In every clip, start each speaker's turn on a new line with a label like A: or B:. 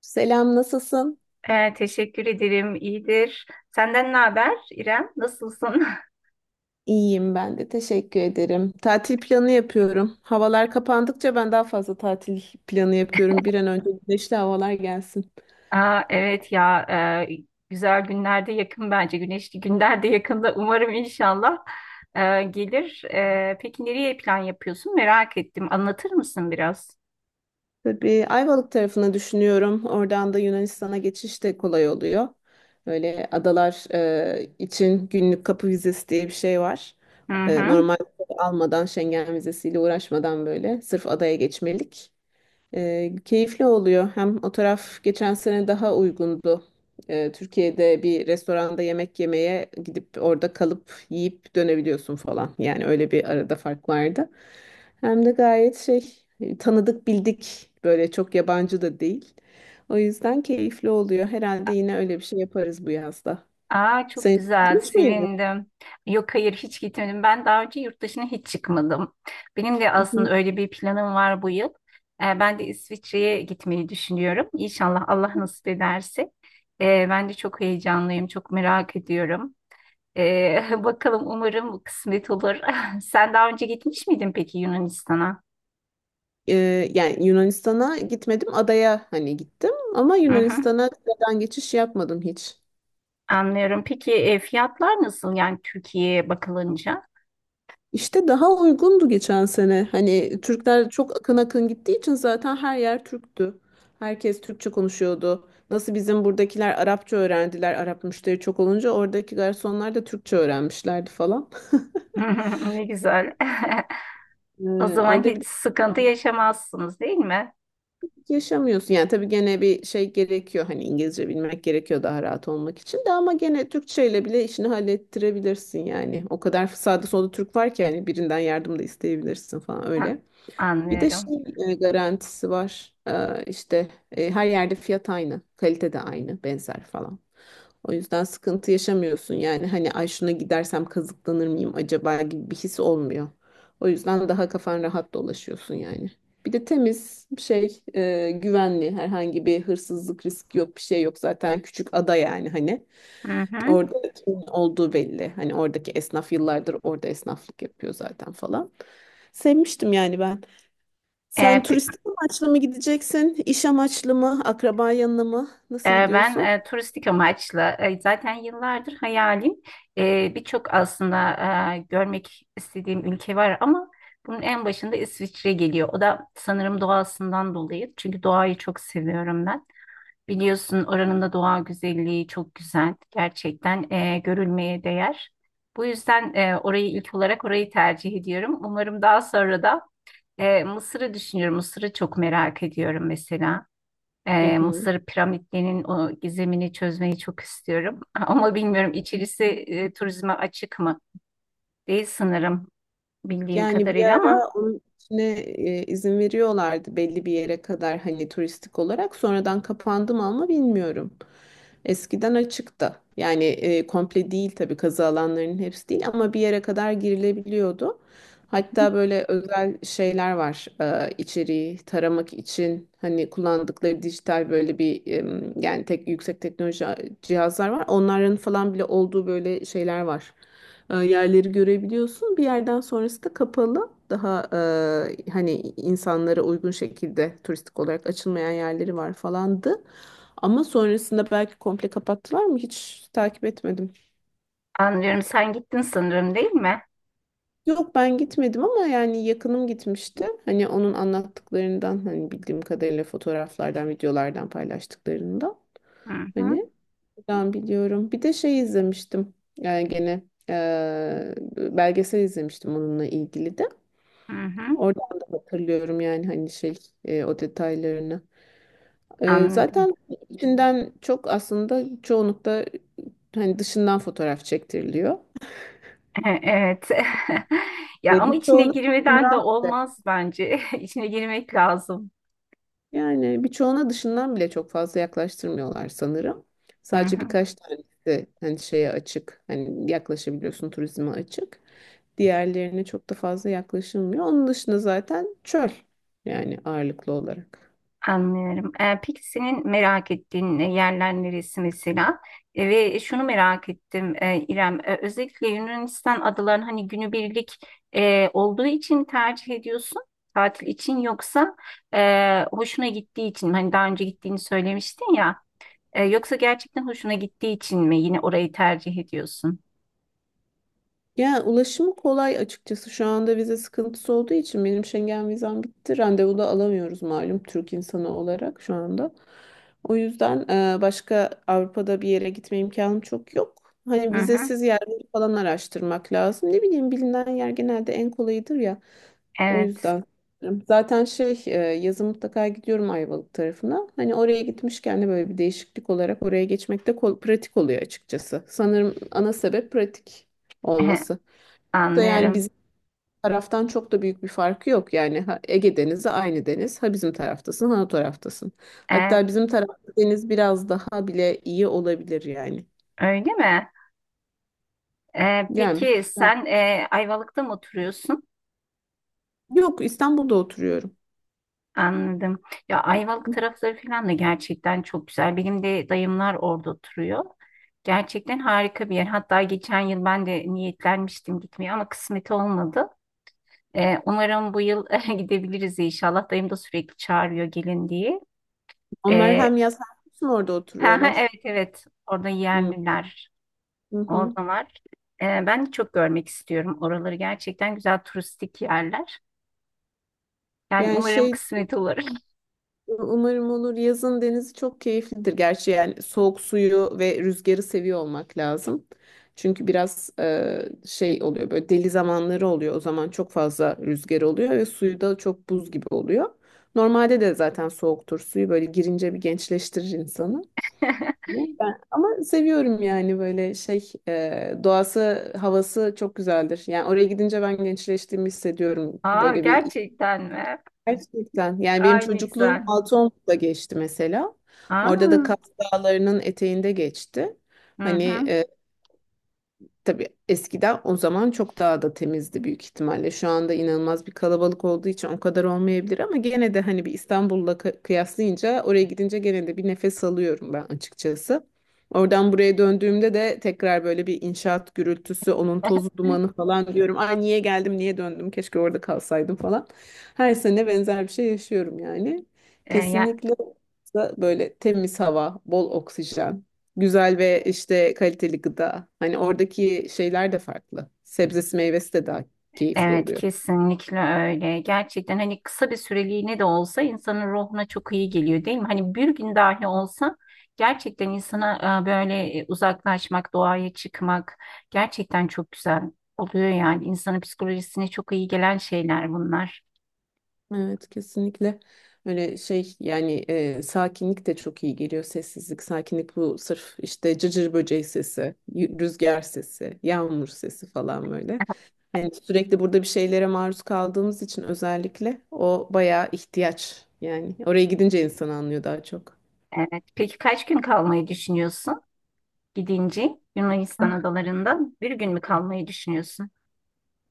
A: Selam, nasılsın?
B: Teşekkür ederim. İyidir. Senden ne haber İrem? Nasılsın?
A: İyiyim ben de, teşekkür ederim. Tatil planı yapıyorum. Havalar kapandıkça ben daha fazla tatil planı yapıyorum. Bir an önce güneşli havalar gelsin.
B: Aa, evet ya e, güzel günlerde yakın bence. Güneşli günlerde yakında umarım inşallah gelir. Peki nereye plan yapıyorsun? Merak ettim. Anlatır mısın biraz?
A: Tabii Ayvalık tarafını düşünüyorum. Oradan da Yunanistan'a geçiş de kolay oluyor. Böyle adalar için günlük kapı vizesi diye bir şey var.
B: Hı hı.
A: Normal almadan Schengen vizesiyle uğraşmadan böyle sırf adaya geçmelik. Keyifli oluyor. Hem o taraf geçen sene daha uygundu. Türkiye'de bir restoranda yemek yemeye gidip orada kalıp yiyip dönebiliyorsun falan. Yani öyle bir arada fark vardı. Hem de gayet şey, tanıdık bildik, böyle çok yabancı da değil. O yüzden keyifli oluyor. Herhalde yine öyle bir şey yaparız bu yazda.
B: Aa çok
A: Sen
B: güzel,
A: hiç miydin?
B: sevindim. Yok hayır hiç gitmedim. Ben daha önce yurt dışına hiç çıkmadım. Benim de
A: Hı hı.
B: aslında öyle bir planım var bu yıl. Ben de İsviçre'ye gitmeyi düşünüyorum. İnşallah Allah nasip ederse. Ben de çok heyecanlıyım, çok merak ediyorum. Bakalım umarım kısmet olur. Sen daha önce gitmiş miydin peki Yunanistan'a?
A: Yani Yunanistan'a gitmedim, adaya hani gittim ama
B: Hı hı,
A: Yunanistan'a kıtadan geçiş yapmadım hiç.
B: anlıyorum. Peki fiyatlar nasıl yani Türkiye'ye bakılınca?
A: İşte daha uygundu geçen sene. Hani Türkler çok akın akın gittiği için zaten her yer Türktü. Herkes Türkçe konuşuyordu. Nasıl bizim buradakiler Arapça öğrendiler. Arap müşteri çok olunca oradaki garsonlar da Türkçe öğrenmişlerdi falan.
B: Ne güzel.
A: Ee,
B: O zaman
A: Orada bir de
B: hiç sıkıntı
A: farklılık
B: yaşamazsınız değil mi?
A: yaşamıyorsun. Yani tabii gene bir şey gerekiyor. Hani İngilizce bilmek gerekiyor daha rahat olmak için de, ama gene Türkçeyle bile işini hallettirebilirsin yani. O kadar sağda solda Türk var ki hani birinden yardım da isteyebilirsin falan
B: Ha,
A: öyle. Bir de
B: anlıyorum.
A: şey garantisi var. İşte her yerde fiyat aynı, kalite de aynı, benzer falan. O yüzden sıkıntı yaşamıyorsun. Yani hani ay şuna gidersem kazıklanır mıyım acaba gibi bir his olmuyor. O yüzden daha kafan rahat dolaşıyorsun yani. Bir de temiz şey, güvenli, herhangi bir hırsızlık riski yok, bir şey yok, zaten küçük ada, yani hani
B: Hı hı.
A: orada kimin olduğu belli, hani oradaki esnaf yıllardır orada esnaflık yapıyor zaten falan, sevmiştim yani ben.
B: E,
A: Sen
B: pe-
A: turistik amaçlı mı gideceksin? İş amaçlı mı? Akraba yanına mı? Nasıl
B: ben
A: gidiyorsun?
B: turistik amaçlı, zaten yıllardır hayalim. Birçok aslında görmek istediğim ülke var ama bunun en başında İsviçre geliyor. O da sanırım doğasından dolayı çünkü doğayı çok seviyorum ben. Biliyorsun oranın da doğa güzelliği çok güzel. Gerçekten görülmeye değer. Bu yüzden orayı ilk olarak orayı tercih ediyorum. Umarım daha sonra da Mısır'ı düşünüyorum. Mısır'ı çok merak ediyorum mesela.
A: Hı hı.
B: Mısır piramitlerinin o gizemini çözmeyi çok istiyorum. Ama bilmiyorum içerisi turizme açık mı? Değil sanırım bildiğim
A: Yani bir
B: kadarıyla
A: ara
B: ama
A: onun içine izin veriyorlardı belli bir yere kadar hani, turistik olarak. Sonradan kapandı mı ama bilmiyorum. Eskiden açıktı. Yani komple değil tabii, kazı alanlarının hepsi değil ama bir yere kadar girilebiliyordu. Hatta böyle özel şeyler var, içeriği taramak için hani kullandıkları dijital, böyle bir, yani tek yüksek teknoloji cihazlar var. Onların falan bile olduğu böyle şeyler var. Yerleri görebiliyorsun. Bir yerden sonrası da kapalı. Daha hani, insanlara uygun şekilde turistik olarak açılmayan yerleri var falandı. Ama sonrasında belki komple kapattılar mı hiç takip etmedim.
B: anlıyorum, sen gittin sanırım değil mi?
A: Yok, ben gitmedim ama yani yakınım gitmişti. Hani onun anlattıklarından, hani bildiğim kadarıyla fotoğraflardan, videolardan paylaştıklarında
B: Hı hı,
A: hani ben biliyorum. Bir de şey izlemiştim. Yani gene belgesel izlemiştim onunla ilgili de.
B: hı hı,
A: Oradan da hatırlıyorum yani, hani şey, o detaylarını.
B: anladım.
A: Zaten içinden çok, aslında çoğunlukla hani dışından fotoğraf çektiriliyor.
B: Evet. Ya
A: E,
B: ama içine
A: Birçoğuna
B: girmeden de olmaz bence. İçine girmek lazım.
A: yani birçoğuna dışından bile çok fazla yaklaştırmıyorlar sanırım.
B: Hı
A: Sadece
B: hı,
A: birkaç tanesi hani şeye açık. Hani yaklaşabiliyorsun, turizme açık. Diğerlerine çok da fazla yaklaşılmıyor. Onun dışında zaten çöl, yani ağırlıklı olarak.
B: anlıyorum. Peki senin merak ettiğin yerler neresi mesela? Ve şunu merak ettim İrem. Özellikle Yunanistan adalarını hani günübirlik olduğu için tercih ediyorsun. Tatil için yoksa hoşuna gittiği için mi? Hani daha önce gittiğini söylemiştin ya. Yoksa gerçekten hoşuna gittiği için mi yine orayı tercih ediyorsun?
A: Yani ulaşımı kolay açıkçası, şu anda vize sıkıntısı olduğu için benim Schengen vizem bitti. Randevu da alamıyoruz malum, Türk insanı olarak şu anda. O yüzden başka Avrupa'da bir yere gitme imkanım çok yok. Hani
B: Hı hı,
A: vizesiz yerleri falan araştırmak lazım. Ne bileyim, bilinen yer genelde en kolayıdır ya. O
B: evet.
A: yüzden. Zaten şey, yazın mutlaka gidiyorum Ayvalık tarafına. Hani oraya gitmişken de böyle bir değişiklik olarak oraya geçmek de pratik oluyor açıkçası. Sanırım ana sebep pratik olması. Yani
B: Anlıyorum.
A: bizim taraftan çok da büyük bir farkı yok. Yani ha Ege Denizi aynı deniz. Ha bizim taraftasın, ha o taraftasın.
B: Ee,
A: Hatta bizim tarafta deniz biraz daha bile iyi olabilir yani.
B: öyle mi?
A: Yani
B: Peki
A: ben-
B: sen Ayvalık'ta mı oturuyorsun?
A: Yok, İstanbul'da oturuyorum.
B: Anladım. Ya Ayvalık tarafları falan da gerçekten çok güzel. Benim de dayımlar orada oturuyor. Gerçekten harika bir yer. Hatta geçen yıl ben de niyetlenmiştim gitmeye ama kısmet olmadı. Umarım bu yıl gidebiliriz inşallah. Dayım da sürekli çağırıyor gelin diye.
A: Onlar
B: Ee,
A: hem yaz hem kışın orada
B: ha, ha,
A: oturuyorlar.
B: evet evet, orada
A: Hı
B: yerliler
A: hı. Hı.
B: orada var. Ben çok görmek istiyorum. Oraları gerçekten güzel turistik yerler. Yani
A: Yani
B: umarım
A: şey,
B: kısmet olur.
A: umarım olur. Yazın denizi çok keyiflidir. Gerçi yani soğuk suyu ve rüzgarı seviyor olmak lazım. Çünkü biraz şey oluyor, böyle deli zamanları oluyor. O zaman çok fazla rüzgar oluyor ve suyu da çok buz gibi oluyor. Normalde de zaten soğuktur suyu, böyle girince bir gençleştirir insanı. Ama seviyorum yani, böyle şey, doğası havası çok güzeldir. Yani oraya gidince ben gençleştiğimi hissediyorum.
B: Aa
A: Böyle
B: gerçekten mi?
A: Gerçekten. Yani benim
B: Ay ne
A: çocukluğum
B: güzel.
A: Altıoklu'da geçti mesela. Orada da
B: Aa,
A: Kaz Dağları'nın eteğinde geçti.
B: hı
A: Hani,
B: hı.
A: tabii eskiden, o zaman çok daha da temizdi büyük ihtimalle. Şu anda inanılmaz bir kalabalık olduğu için o kadar olmayabilir, ama gene de hani bir İstanbul'la kıyaslayınca, oraya gidince gene de bir nefes alıyorum ben açıkçası. Oradan buraya döndüğümde de tekrar böyle bir inşaat gürültüsü, onun tozu dumanı falan, diyorum ay niye geldim, niye döndüm? Keşke orada kalsaydım falan. Her sene benzer bir şey yaşıyorum yani.
B: Ee, ya,
A: Kesinlikle, böyle temiz hava, bol oksijen. Güzel ve işte kaliteli gıda. Hani oradaki şeyler de farklı. Sebzesi meyvesi de daha keyifli
B: evet
A: oluyor.
B: kesinlikle öyle. Gerçekten hani kısa bir süreliğine de olsa insanın ruhuna çok iyi geliyor değil mi? Hani bir gün dahi olsa gerçekten insana böyle uzaklaşmak, doğaya çıkmak gerçekten çok güzel oluyor yani. İnsanın psikolojisine çok iyi gelen şeyler bunlar.
A: Evet, kesinlikle öyle. Şey yani, sakinlik de çok iyi geliyor, sessizlik, sakinlik, bu sırf işte cırcır böceği sesi, rüzgar sesi, yağmur sesi falan, böyle hani sürekli burada bir şeylere maruz kaldığımız için özellikle, o bayağı ihtiyaç yani, oraya gidince insan anlıyor daha çok.
B: Evet. Peki kaç gün kalmayı düşünüyorsun gidince Yunanistan adalarında? Bir gün mü kalmayı düşünüyorsun?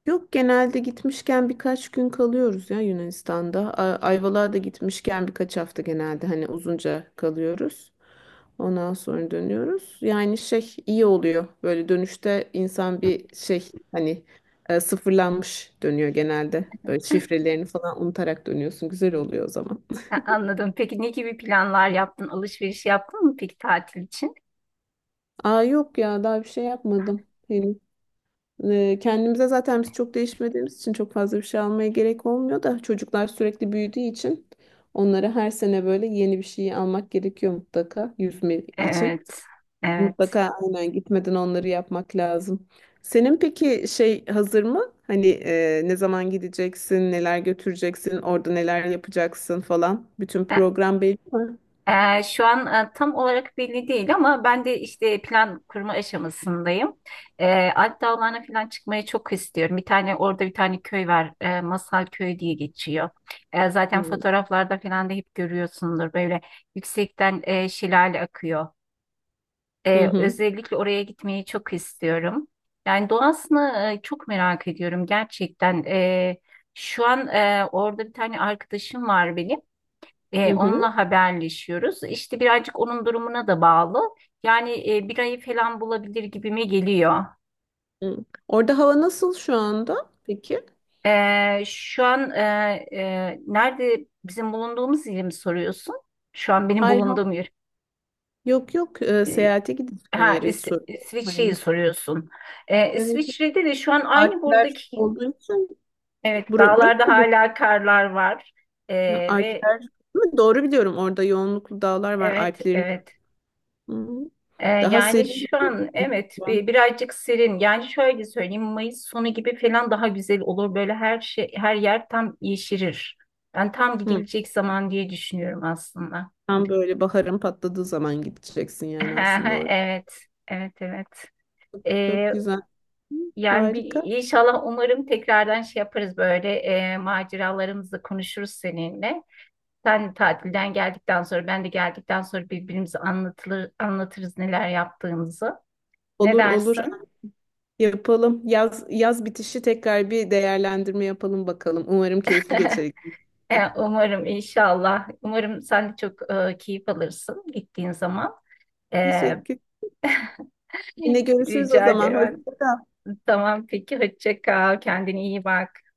A: Yok, genelde gitmişken birkaç gün kalıyoruz ya Yunanistan'da. Ayvalık'a da gitmişken birkaç hafta genelde hani uzunca kalıyoruz. Ondan sonra dönüyoruz. Yani şey iyi oluyor. Böyle dönüşte insan bir şey, hani sıfırlanmış dönüyor genelde. Böyle şifrelerini falan unutarak dönüyorsun. Güzel oluyor o zaman.
B: Ha, anladım. Peki ne gibi planlar yaptın? Alışveriş yaptın mı peki tatil için?
A: Aa, yok ya, daha bir şey yapmadım henüz. Kendimize zaten biz çok değişmediğimiz için çok fazla bir şey almaya gerek olmuyor da, çocuklar sürekli büyüdüğü için onlara her sene böyle yeni bir şey almak gerekiyor mutlaka, yüzme için.
B: Evet. Evet.
A: Mutlaka aynen gitmeden onları yapmak lazım. Senin peki şey hazır mı? Hani, ne zaman gideceksin, neler götüreceksin, orada neler yapacaksın falan. Bütün
B: E,
A: program belli mi?
B: Şu an tam olarak belli değil ama ben de işte plan kurma aşamasındayım. Alp Dağları'na falan çıkmayı çok istiyorum. Bir tane orada bir tane köy var. Masal Köyü diye geçiyor.
A: Hı
B: Zaten fotoğraflarda falan da hep görüyorsundur. Böyle yüksekten şelale akıyor.
A: hı hı.
B: Özellikle oraya gitmeyi çok istiyorum. Yani doğasını çok merak ediyorum gerçekten. Şu an orada bir tane arkadaşım var benim.
A: Hı hı.
B: Onunla haberleşiyoruz. İşte birazcık onun durumuna da bağlı. Yani bir ayı falan bulabilir gibime geliyor.
A: Hı. Orada hava nasıl şu anda? Peki.
B: Şu an nerede, bizim bulunduğumuz yeri mi soruyorsun? Şu an benim
A: Hayır, hayır.
B: bulunduğum yer.
A: Yok yok,
B: E,
A: seyahate gideceğin
B: ha,
A: yeri hiç soruyorum.
B: İsviçre'yi
A: Hani.
B: soruyorsun.
A: Evet.
B: İsviçre'de de şu an aynı
A: Alpler
B: buradaki.
A: olduğu için,
B: Evet, dağlarda
A: burası mı?
B: hala karlar var. E, ve
A: Alpler. Değil mi? Doğru biliyorum. Orada yoğunluklu dağlar var,
B: evet,
A: Alplerin.
B: evet.
A: Hı. Daha
B: Yani
A: serin.
B: şu an evet birazcık serin. Yani şöyle söyleyeyim Mayıs sonu gibi falan daha güzel olur. Böyle her şey her yer tam yeşerir. Ben tam
A: Hı.
B: gidilecek zaman diye düşünüyorum aslında.
A: Tam böyle baharın patladığı zaman gideceksin yani, aslında orada.
B: Evet, evet, evet.
A: Çok
B: Ee,
A: güzel. Hı.
B: yani bir
A: Harika.
B: inşallah umarım tekrardan şey yaparız böyle maceralarımızı konuşuruz seninle. Sen tatilden geldikten sonra ben de geldikten sonra birbirimize anlatılır, anlatırız neler yaptığımızı. Ne
A: Olur olur,
B: dersin?
A: yapalım. Yaz bitişi tekrar bir değerlendirme yapalım bakalım. Umarım keyifli geçer ikimiz de.
B: Umarım inşallah. Umarım sen de çok keyif alırsın gittiğin zaman. E,
A: Teşekkür. Yine görüşürüz o
B: rica
A: zaman.
B: ederim.
A: Hoşça kal.
B: Tamam peki hoşça kal. Kendine iyi bak.